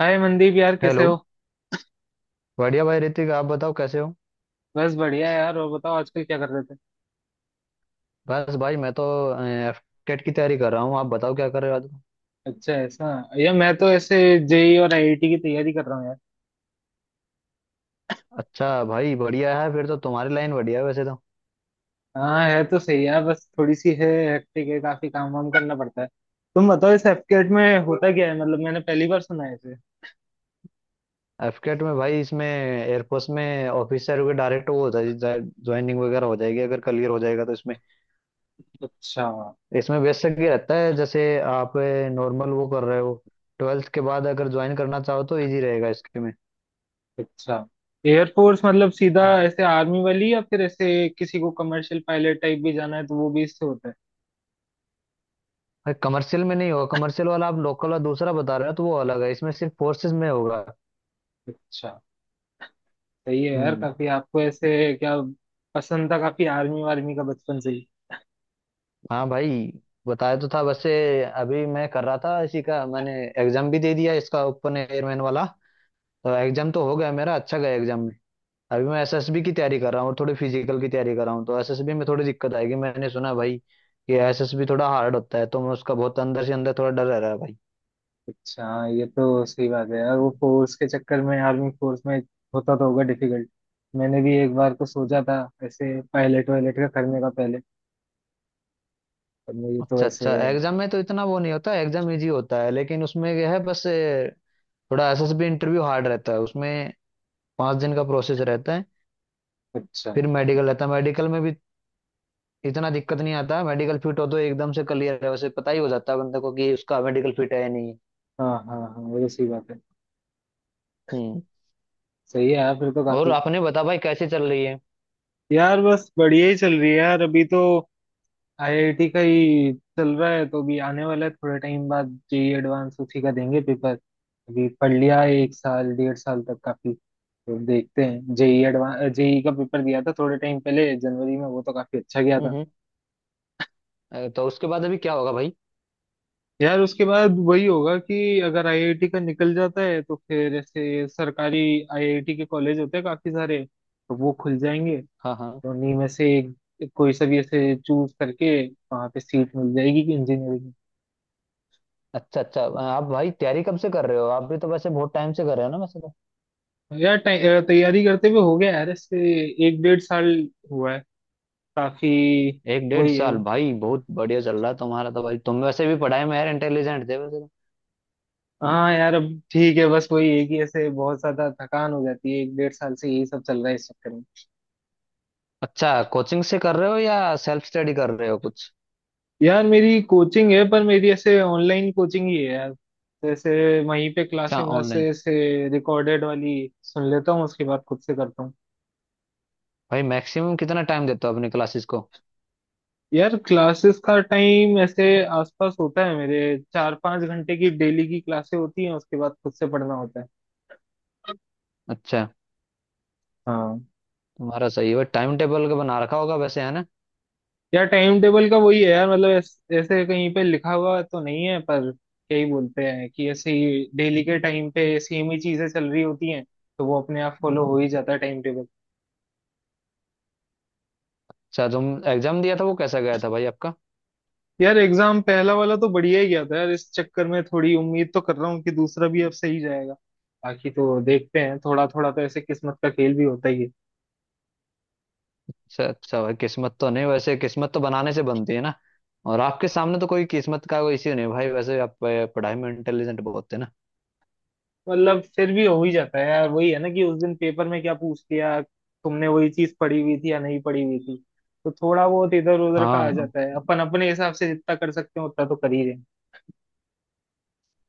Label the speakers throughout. Speaker 1: हाय मनदीप यार, कैसे
Speaker 2: हेलो।
Speaker 1: हो।
Speaker 2: बढ़िया भाई ऋतिक, आप बताओ कैसे हो।
Speaker 1: बस बढ़िया यार। और बताओ आजकल क्या कर रहे थे।
Speaker 2: बस भाई मैं तो एफटेट की तैयारी कर रहा हूँ, आप बताओ क्या कर रहे हो आजकल?
Speaker 1: अच्छा ऐसा। यार मैं तो ऐसे जेई और आईआईटी की तैयारी कर रहा हूँ यार।
Speaker 2: अच्छा भाई, बढ़िया है फिर तो। तुम्हारी लाइन बढ़िया है वैसे तो।
Speaker 1: हाँ है तो सही यार, बस थोड़ी सी है हेक्टिक है। काफी काम वाम करना पड़ता है। तुम बताओ इस एफकेट में होता क्या है? मतलब मैंने पहली बार सुना है इसे।
Speaker 2: एफटेट में भाई, इसमें एयरफोर्स में ऑफिसर के डायरेक्ट वो हो जाए, ज्वाइनिंग वगैरह हो जाएगी अगर क्लियर हो जाएगा तो। इसमें
Speaker 1: अच्छा
Speaker 2: इसमें बेसिक ये रहता है जैसे आप नॉर्मल वो कर रहे हो, ट्वेल्थ के बाद अगर ज्वाइन करना चाहो तो इजी रहेगा इसके में।
Speaker 1: अच्छा। एयरफोर्स मतलब सीधा
Speaker 2: हाँ
Speaker 1: ऐसे आर्मी वाली, या फिर ऐसे किसी को कमर्शियल पायलट टाइप भी जाना है तो वो भी इससे होता है?
Speaker 2: भाई, कमर्शियल में नहीं होगा। कमर्शियल वाला आप लोकल और दूसरा बता रहे हो तो वो अलग है। इसमें सिर्फ फोर्सेज में होगा।
Speaker 1: अच्छा, सही है यार
Speaker 2: हम्म।
Speaker 1: काफी। आपको ऐसे क्या पसंद था, काफी आर्मी वार्मी का बचपन से।
Speaker 2: हाँ भाई, बताया तो था वैसे। अभी मैं कर रहा था इसी का, मैंने एग्जाम भी दे दिया इसका, ओपन एयरमैन वाला। तो एग्जाम तो हो गया मेरा, अच्छा गया एग्जाम में। अभी मैं एसएसबी की तैयारी कर रहा हूँ और थोड़ी फिजिकल की तैयारी कर रहा हूँ। तो एसएसबी में थोड़ी दिक्कत आएगी, मैंने सुना भाई कि एसएसबी थोड़ा हार्ड होता है, तो मैं उसका बहुत अंदर से अंदर थोड़ा डर रह रहा है भाई।
Speaker 1: अच्छा हाँ, ये तो सही बात है यार। वो फोर्स के चक्कर में आर्मी फोर्स में होता तो होगा डिफिकल्ट। मैंने भी एक बार को सोचा था ऐसे पायलट वायलट का करने का पहले, पर मुझे तो
Speaker 2: अच्छा
Speaker 1: ऐसे।
Speaker 2: अच्छा, एग्जाम में तो इतना वो नहीं होता, एग्जाम इजी होता है, लेकिन उसमें यह है बस थोड़ा एसएसबी इंटरव्यू हार्ड रहता है उसमें। पाँच दिन का प्रोसेस रहता है।
Speaker 1: अच्छा।
Speaker 2: फिर मेडिकल रहता है, मेडिकल में भी इतना दिक्कत नहीं आता। मेडिकल फिट हो तो एकदम से क्लियर है, वैसे पता ही हो जाता है बंदे को कि उसका मेडिकल फिट है या नहीं है।
Speaker 1: हाँ हाँ हाँ, वो तो सही बात है।
Speaker 2: हम्म।
Speaker 1: सही है यार, फिर तो
Speaker 2: और
Speaker 1: काफी।
Speaker 2: आपने बता भाई, कैसे चल रही है।
Speaker 1: यार बस बढ़िया ही चल रही है यार, अभी तो आईआईटी का ही चल रहा है। तो अभी आने वाला है थोड़े टाइम बाद जेई एडवांस, उसी का देंगे पेपर। अभी पढ़ लिया है एक साल 1.5 साल तक काफी। तो देखते हैं जेई एडवांस। जेई का पेपर दिया था थोड़े टाइम पहले जनवरी में, वो तो काफी अच्छा गया
Speaker 2: हम्म
Speaker 1: था।
Speaker 2: हम्म। तो उसके बाद अभी क्या होगा भाई।
Speaker 1: यार उसके बाद वही होगा कि अगर आईआईटी का निकल जाता है तो फिर ऐसे सरकारी आईआईटी के कॉलेज होते हैं काफी सारे तो वो खुल जाएंगे।
Speaker 2: हाँ हाँ।
Speaker 1: तो उन्हीं में से एक कोई सा भी ऐसे चूज करके वहां पे सीट मिल जाएगी कि इंजीनियरिंग।
Speaker 2: अच्छा अच्छा, आप भाई तैयारी कब से कर रहे हो, आप भी तो वैसे बहुत टाइम से कर रहे हो ना वैसे तो।
Speaker 1: यार तैयारी करते हुए हो गया यार इससे एक 1.5 साल हुआ है काफी।
Speaker 2: एक डेढ़
Speaker 1: वही है।
Speaker 2: साल भाई, बहुत बढ़िया चल रहा है तुम्हारा तो भाई। तुम वैसे भी पढ़ाई में यार इंटेलिजेंट थे वैसे तो।
Speaker 1: हाँ यार अब ठीक है, बस वही है कि ऐसे बहुत ज्यादा थकान हो जाती है, एक डेढ़ साल से यही सब चल रहा है इस चक्कर में।
Speaker 2: अच्छा, कोचिंग से कर रहे हो या सेल्फ स्टडी कर रहे हो कुछ।
Speaker 1: यार मेरी कोचिंग है, पर मेरी ऐसे ऑनलाइन कोचिंग ही है यार। जैसे वहीं पे
Speaker 2: अच्छा,
Speaker 1: क्लासेस
Speaker 2: ऑनलाइन।
Speaker 1: व्लासेस ऐसे रिकॉर्डेड वाली सुन लेता हूँ, उसके बाद खुद से करता हूँ।
Speaker 2: भाई मैक्सिमम कितना टाइम देते हो अपनी क्लासेस को।
Speaker 1: यार क्लासेस का टाइम ऐसे आसपास होता है मेरे। 4-5 घंटे की डेली की क्लासेस होती हैं, उसके बाद खुद से पढ़ना होता है।
Speaker 2: अच्छा,
Speaker 1: हाँ।
Speaker 2: तुम्हारा सही है भाई, टाइम टेबल का बना रखा होगा वैसे, है ना।
Speaker 1: यार टाइम टेबल का वही है यार, मतलब ऐसे कहीं पे लिखा हुआ तो नहीं है, पर क्या ही बोलते हैं कि ऐसे ही डेली के टाइम पे सेम ही चीजें चल रही होती हैं। तो वो अपने आप फॉलो हो ही जाता है टाइम टेबल।
Speaker 2: अच्छा, तुम एग्जाम दिया था वो कैसा गया था भाई आपका।
Speaker 1: यार एग्जाम पहला वाला तो बढ़िया ही गया था यार। इस चक्कर में थोड़ी उम्मीद तो कर रहा हूँ कि दूसरा भी अब सही जाएगा। बाकी तो देखते हैं, थोड़ा थोड़ा तो ऐसे किस्मत का खेल भी होता ही है।
Speaker 2: अच्छा अच्छा, भाई किस्मत तो नहीं, वैसे किस्मत तो बनाने से बनती है ना। और आपके सामने तो कोई किस्मत का कोई इश्यू नहीं है भाई, वैसे आप पढ़ाई में इंटेलिजेंट बहुत थे ना।
Speaker 1: मतलब फिर भी हो ही जाता है यार, वही है ना कि उस दिन पेपर में क्या पूछ लिया तुमने, वही चीज पढ़ी हुई थी या नहीं पढ़ी हुई थी। तो थोड़ा बहुत इधर उधर का आ
Speaker 2: हाँ
Speaker 1: जाता है। अपन अपने हिसाब से जितना कर सकते हैं उतना तो कर ही रहे हैं।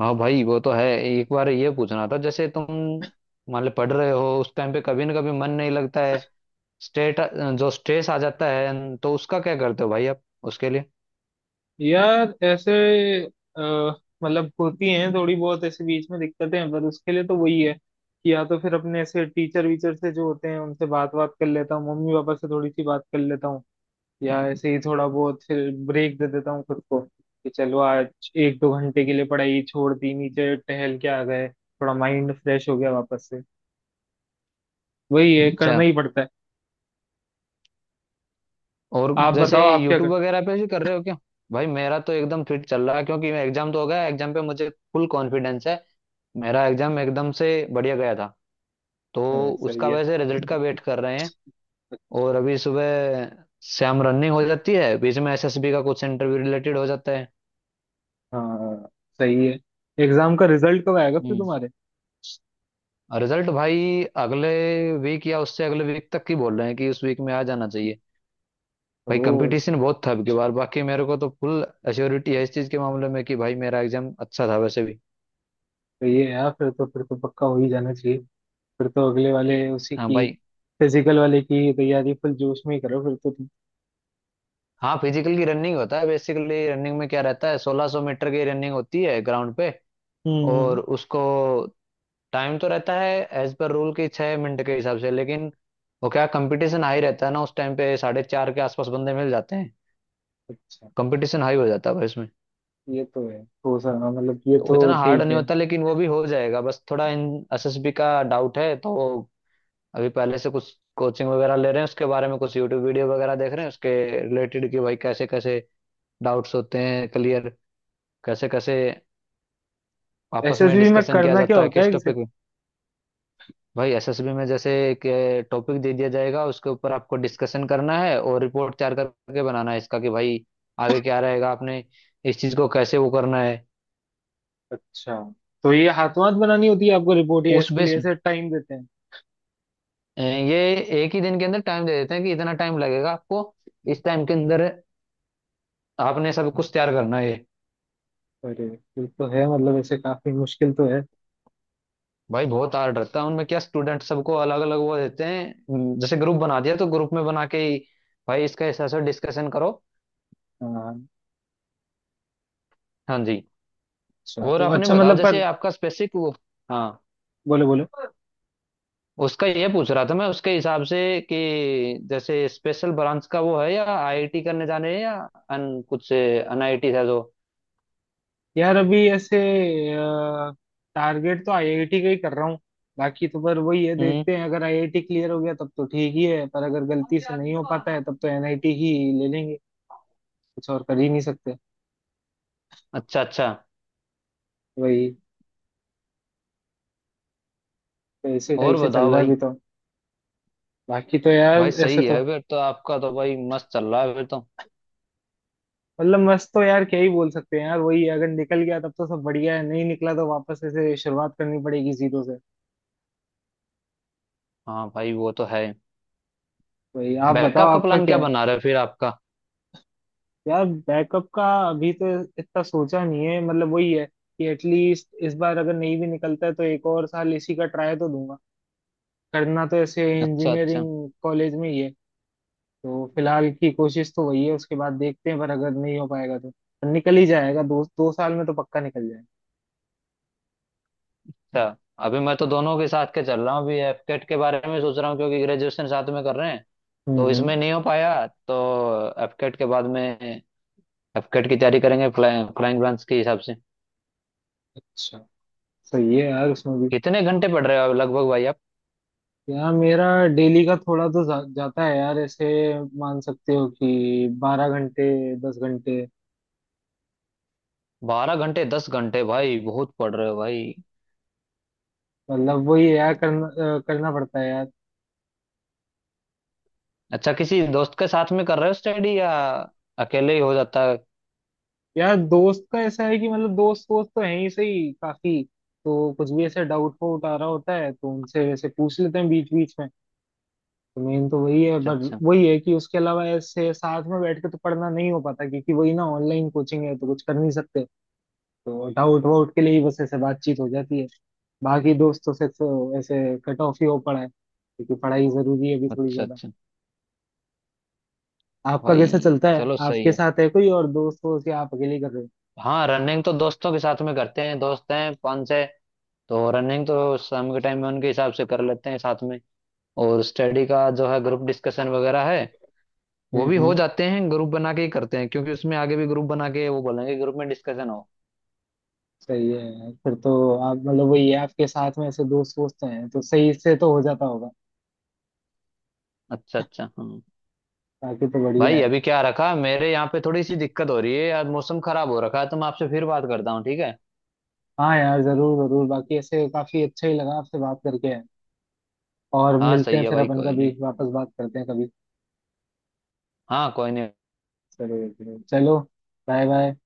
Speaker 2: हाँ भाई, वो तो है। एक बार ये पूछना था जैसे तुम मान लो पढ़ रहे हो उस टाइम पे कभी ना कभी मन नहीं लगता है, स्टेट जो स्ट्रेस आ जाता है, तो उसका क्या करते हो भाई आप उसके लिए।
Speaker 1: यार ऐसे, अ, मतलब होती हैं थोड़ी बहुत ऐसे बीच में दिक्कतें हैं, पर उसके लिए तो वही है कि या तो फिर अपने ऐसे टीचर वीचर से जो होते हैं उनसे बात बात कर लेता हूँ, मम्मी पापा से थोड़ी सी बात कर लेता हूँ। या ऐसे ही थोड़ा बहुत फिर ब्रेक दे देता हूँ खुद को कि चलो आज एक दो घंटे के लिए पढ़ाई छोड़ दी, नीचे टहल के आ गए, थोड़ा माइंड फ्रेश हो गया वापस से। वही है
Speaker 2: अच्छा,
Speaker 1: करना ही पड़ता है।
Speaker 2: और
Speaker 1: आप
Speaker 2: जैसे
Speaker 1: बताओ आप क्या
Speaker 2: यूट्यूब
Speaker 1: करते
Speaker 2: वगैरह पे भी कर रहे हो क्या। भाई मेरा तो एकदम फिट चल रहा है, क्योंकि मैं एग्जाम तो हो गया, एग्जाम पे मुझे फुल कॉन्फिडेंस है। मेरा एग्जाम एकदम से बढ़िया गया था। तो
Speaker 1: हैं। सही
Speaker 2: उसका
Speaker 1: है।
Speaker 2: वैसे रिजल्ट का वेट कर रहे हैं।
Speaker 1: अच्छा
Speaker 2: और अभी सुबह शाम रनिंग हो जाती है, बीच में एसएसबी का कुछ इंटरव्यू रिलेटेड हो जाता है।
Speaker 1: हाँ, सही है। एग्जाम का रिजल्ट कब आएगा फिर
Speaker 2: हम्म।
Speaker 1: तुम्हारे?
Speaker 2: रिजल्ट भाई अगले वीक या उससे अगले वीक तक की बोल रहे हैं, कि उस वीक में आ जाना चाहिए। भाई
Speaker 1: ओ
Speaker 2: कंपटीशन बहुत था अब की बार, बाकी मेरे को तो फुल एश्योरिटी है इस चीज के मामले में कि भाई मेरा एग्जाम अच्छा था वैसे भी।
Speaker 1: सही है यार, फिर तो पक्का हो ही जाना चाहिए। फिर तो अगले वाले उसी
Speaker 2: हाँ
Speaker 1: की,
Speaker 2: भाई।
Speaker 1: फिजिकल वाले की तैयारी फुल जोश में ही करो फिर तो तुम।
Speaker 2: हाँ फिजिकल की रनिंग होता है, बेसिकली रनिंग में क्या रहता है, 1600 मीटर की रनिंग होती है ग्राउंड पे। और
Speaker 1: हम्म।
Speaker 2: उसको टाइम तो रहता है एज पर रूल की छः मिनट के हिसाब से, लेकिन वो क्या कंपटीशन हाई रहता है ना उस टाइम पे, साढ़े चार के आसपास बंदे मिल जाते हैं।
Speaker 1: अच्छा
Speaker 2: कंपटीशन हाई हो जाता है भाई इसमें।
Speaker 1: ये तो है। हो सका मतलब ये
Speaker 2: तो
Speaker 1: तो
Speaker 2: इतना हार्ड
Speaker 1: ठीक
Speaker 2: नहीं
Speaker 1: है।
Speaker 2: होता, लेकिन वो भी हो जाएगा। बस थोड़ा इन एसएसबी का डाउट है। तो अभी पहले से कुछ कोचिंग वगैरह ले रहे हैं, उसके बारे में कुछ यूट्यूब वीडियो वगैरह देख रहे हैं उसके रिलेटेड, कि भाई कैसे कैसे डाउट्स होते हैं क्लियर, कैसे कैसे आपस में
Speaker 1: एसएसबी में
Speaker 2: डिस्कशन किया
Speaker 1: करना क्या
Speaker 2: जाता है
Speaker 1: होता है
Speaker 2: किस टॉपिक
Speaker 1: एग्जैक्ट?
Speaker 2: पे। भाई एसएसबी में जैसे एक टॉपिक दे दिया जाएगा, उसके ऊपर आपको डिस्कशन करना है और रिपोर्ट तैयार करके बनाना है इसका, कि भाई आगे क्या रहेगा, आपने इस चीज को कैसे वो करना है
Speaker 1: अच्छा, तो ये हाथों हाथ बनानी होती है आपको रिपोर्ट या
Speaker 2: उस
Speaker 1: इसके
Speaker 2: बेस।
Speaker 1: लिए ऐसे टाइम देते हैं?
Speaker 2: ये एक ही दिन के अंदर टाइम दे देते हैं कि इतना टाइम लगेगा आपको, इस टाइम के अंदर आपने सब कुछ तैयार करना है।
Speaker 1: अरे ये तो है, मतलब ऐसे काफी मुश्किल तो है।
Speaker 2: भाई बहुत हार्ड रहता है। उनमें क्या, स्टूडेंट सबको अलग अलग वो देते हैं, जैसे ग्रुप बना दिया तो ग्रुप में बना के ही भाई इसका ऐसा ऐसा डिस्कशन करो।
Speaker 1: हाँ।
Speaker 2: हाँ जी।
Speaker 1: अच्छा
Speaker 2: और
Speaker 1: तो
Speaker 2: आपने
Speaker 1: अच्छा
Speaker 2: बताओ,
Speaker 1: मतलब पर,
Speaker 2: जैसे आपका स्पेसिफिक वो। हाँ,
Speaker 1: बोलो बोलो।
Speaker 2: उसका ये पूछ रहा था मैं, उसके हिसाब से कि जैसे स्पेशल ब्रांच का वो है या आईआईटी करने जाने है या अन कुछ एनआईटी है जो।
Speaker 1: यार अभी ऐसे टारगेट तो आईआईटी का ही कर रहा हूँ। बाकी तो पर वही है
Speaker 2: हम्म।
Speaker 1: देखते हैं, अगर आईआईटी क्लियर हो गया तब तो ठीक ही है, पर अगर गलती से नहीं हो पाता है तब तो एनआईटी ही ले लेंगे। कुछ और कर ही नहीं सकते।
Speaker 2: अच्छा अच्छा।
Speaker 1: वही, तो इसी टाइप
Speaker 2: और
Speaker 1: से चल
Speaker 2: बताओ
Speaker 1: रहा है
Speaker 2: भाई।
Speaker 1: अभी तो। बाकी तो यार
Speaker 2: भाई
Speaker 1: ऐसे
Speaker 2: सही है
Speaker 1: तो,
Speaker 2: फिर तो, आपका तो भाई मस्त चल रहा है फिर तो।
Speaker 1: मतलब मस्त तो यार क्या ही बोल सकते हैं यार, वही है, अगर निकल गया तब तो सब बढ़िया है, नहीं निकला तो वापस ऐसे शुरुआत करनी पड़ेगी जीरो से।
Speaker 2: हाँ भाई वो तो है।
Speaker 1: वही, आप
Speaker 2: बैकअप
Speaker 1: बताओ
Speaker 2: का
Speaker 1: आपका
Speaker 2: प्लान
Speaker 1: क्या
Speaker 2: क्या
Speaker 1: है।
Speaker 2: बना रहे हो फिर आपका।
Speaker 1: यार बैकअप का अभी तो इतना सोचा नहीं है, मतलब वही है कि एटलीस्ट इस बार अगर नहीं भी निकलता है तो एक और साल इसी का ट्राई तो दूंगा। करना तो ऐसे
Speaker 2: अच्छा अच्छा।
Speaker 1: इंजीनियरिंग कॉलेज में ही है। तो फिलहाल की कोशिश तो वही है, उसके बाद देखते हैं, पर अगर नहीं हो पाएगा तो निकल ही जाएगा दो दो साल में तो पक्का निकल जाएगा।
Speaker 2: अच्छा, अभी मैं तो दोनों के साथ के चल रहा हूँ, अभी एफकेट के बारे में सोच रहा हूँ, क्योंकि ग्रेजुएशन साथ में कर रहे हैं।
Speaker 1: हम्म
Speaker 2: तो
Speaker 1: हम्म।
Speaker 2: इसमें नहीं हो पाया तो एफकेट के बाद में एफकेट की तैयारी करेंगे, फ्लाइंग फ्लाइंग ब्रांच के हिसाब से।
Speaker 1: अच्छा, सही है यार उसमें भी।
Speaker 2: कितने घंटे पढ़ रहे हो लगभग भाई आप।
Speaker 1: यार मेरा डेली का थोड़ा तो जाता है यार। ऐसे मान सकते हो कि 12 घंटे, 10 घंटे।
Speaker 2: बारह घंटे दस घंटे, भाई बहुत पढ़ रहे हो भाई।
Speaker 1: मतलब वही यार करना करना पड़ता है यार।
Speaker 2: अच्छा, किसी दोस्त के साथ में कर रहे हो स्टडी या अकेले ही हो जाता है।
Speaker 1: यार दोस्त का ऐसा है कि मतलब दोस्त वोस्त तो है ही सही काफी। तो कुछ भी ऐसे डाउट वाउट आ रहा होता है तो उनसे वैसे पूछ लेते हैं बीच बीच में। तो मेन तो वही है,
Speaker 2: अच्छा
Speaker 1: पर
Speaker 2: अच्छा।
Speaker 1: वही है कि उसके अलावा ऐसे साथ में बैठ के तो पढ़ना नहीं हो पाता क्योंकि वही ना ऑनलाइन कोचिंग है तो कुछ कर नहीं सकते। तो डाउट वाउट के लिए ही बस ऐसे बातचीत हो जाती है। बाकी दोस्तों से तो ऐसे कट ऑफ ही हो पड़ा है क्योंकि पढ़ाई जरूरी है अभी थोड़ी
Speaker 2: अच्छा
Speaker 1: ज्यादा।
Speaker 2: अच्छा।
Speaker 1: आपका
Speaker 2: भाई
Speaker 1: कैसा चलता है,
Speaker 2: चलो सही
Speaker 1: आपके
Speaker 2: है।
Speaker 1: साथ है कोई और दोस्त हो कि आप अकेले ही कर रहे हो?
Speaker 2: हाँ रनिंग तो दोस्तों के साथ में करते हैं, दोस्त हैं पाँच छः। तो रनिंग तो शाम के टाइम में उनके हिसाब से कर लेते हैं साथ में। और स्टडी का जो है, ग्रुप डिस्कशन वगैरह है वो भी हो
Speaker 1: हम्म।
Speaker 2: जाते हैं, ग्रुप बना के ही करते हैं, क्योंकि उसमें आगे भी ग्रुप बना के वो बोलेंगे ग्रुप में डिस्कशन हो।
Speaker 1: सही है यार। फिर तो आप, मतलब वही है आपके साथ में ऐसे दोस्त वोस्त हैं तो सही से तो हो जाता होगा।
Speaker 2: अच्छा अच्छा। हम्म।
Speaker 1: बाकी तो बढ़िया
Speaker 2: भाई
Speaker 1: है।
Speaker 2: अभी क्या रखा, मेरे यहाँ पे थोड़ी सी दिक्कत हो रही है यार, मौसम खराब हो रखा है। तो मैं आपसे फिर बात करता हूँ ठीक है।
Speaker 1: हाँ यार जरूर जरूर, बाकी ऐसे काफी अच्छा ही लगा आपसे बात करके। और
Speaker 2: हाँ
Speaker 1: मिलते
Speaker 2: सही
Speaker 1: हैं
Speaker 2: है
Speaker 1: फिर,
Speaker 2: भाई,
Speaker 1: अपन
Speaker 2: कोई
Speaker 1: कभी
Speaker 2: नहीं।
Speaker 1: वापस बात करते हैं कभी।
Speaker 2: हाँ कोई नहीं।
Speaker 1: जरूर जरूर चलो। Bye bye.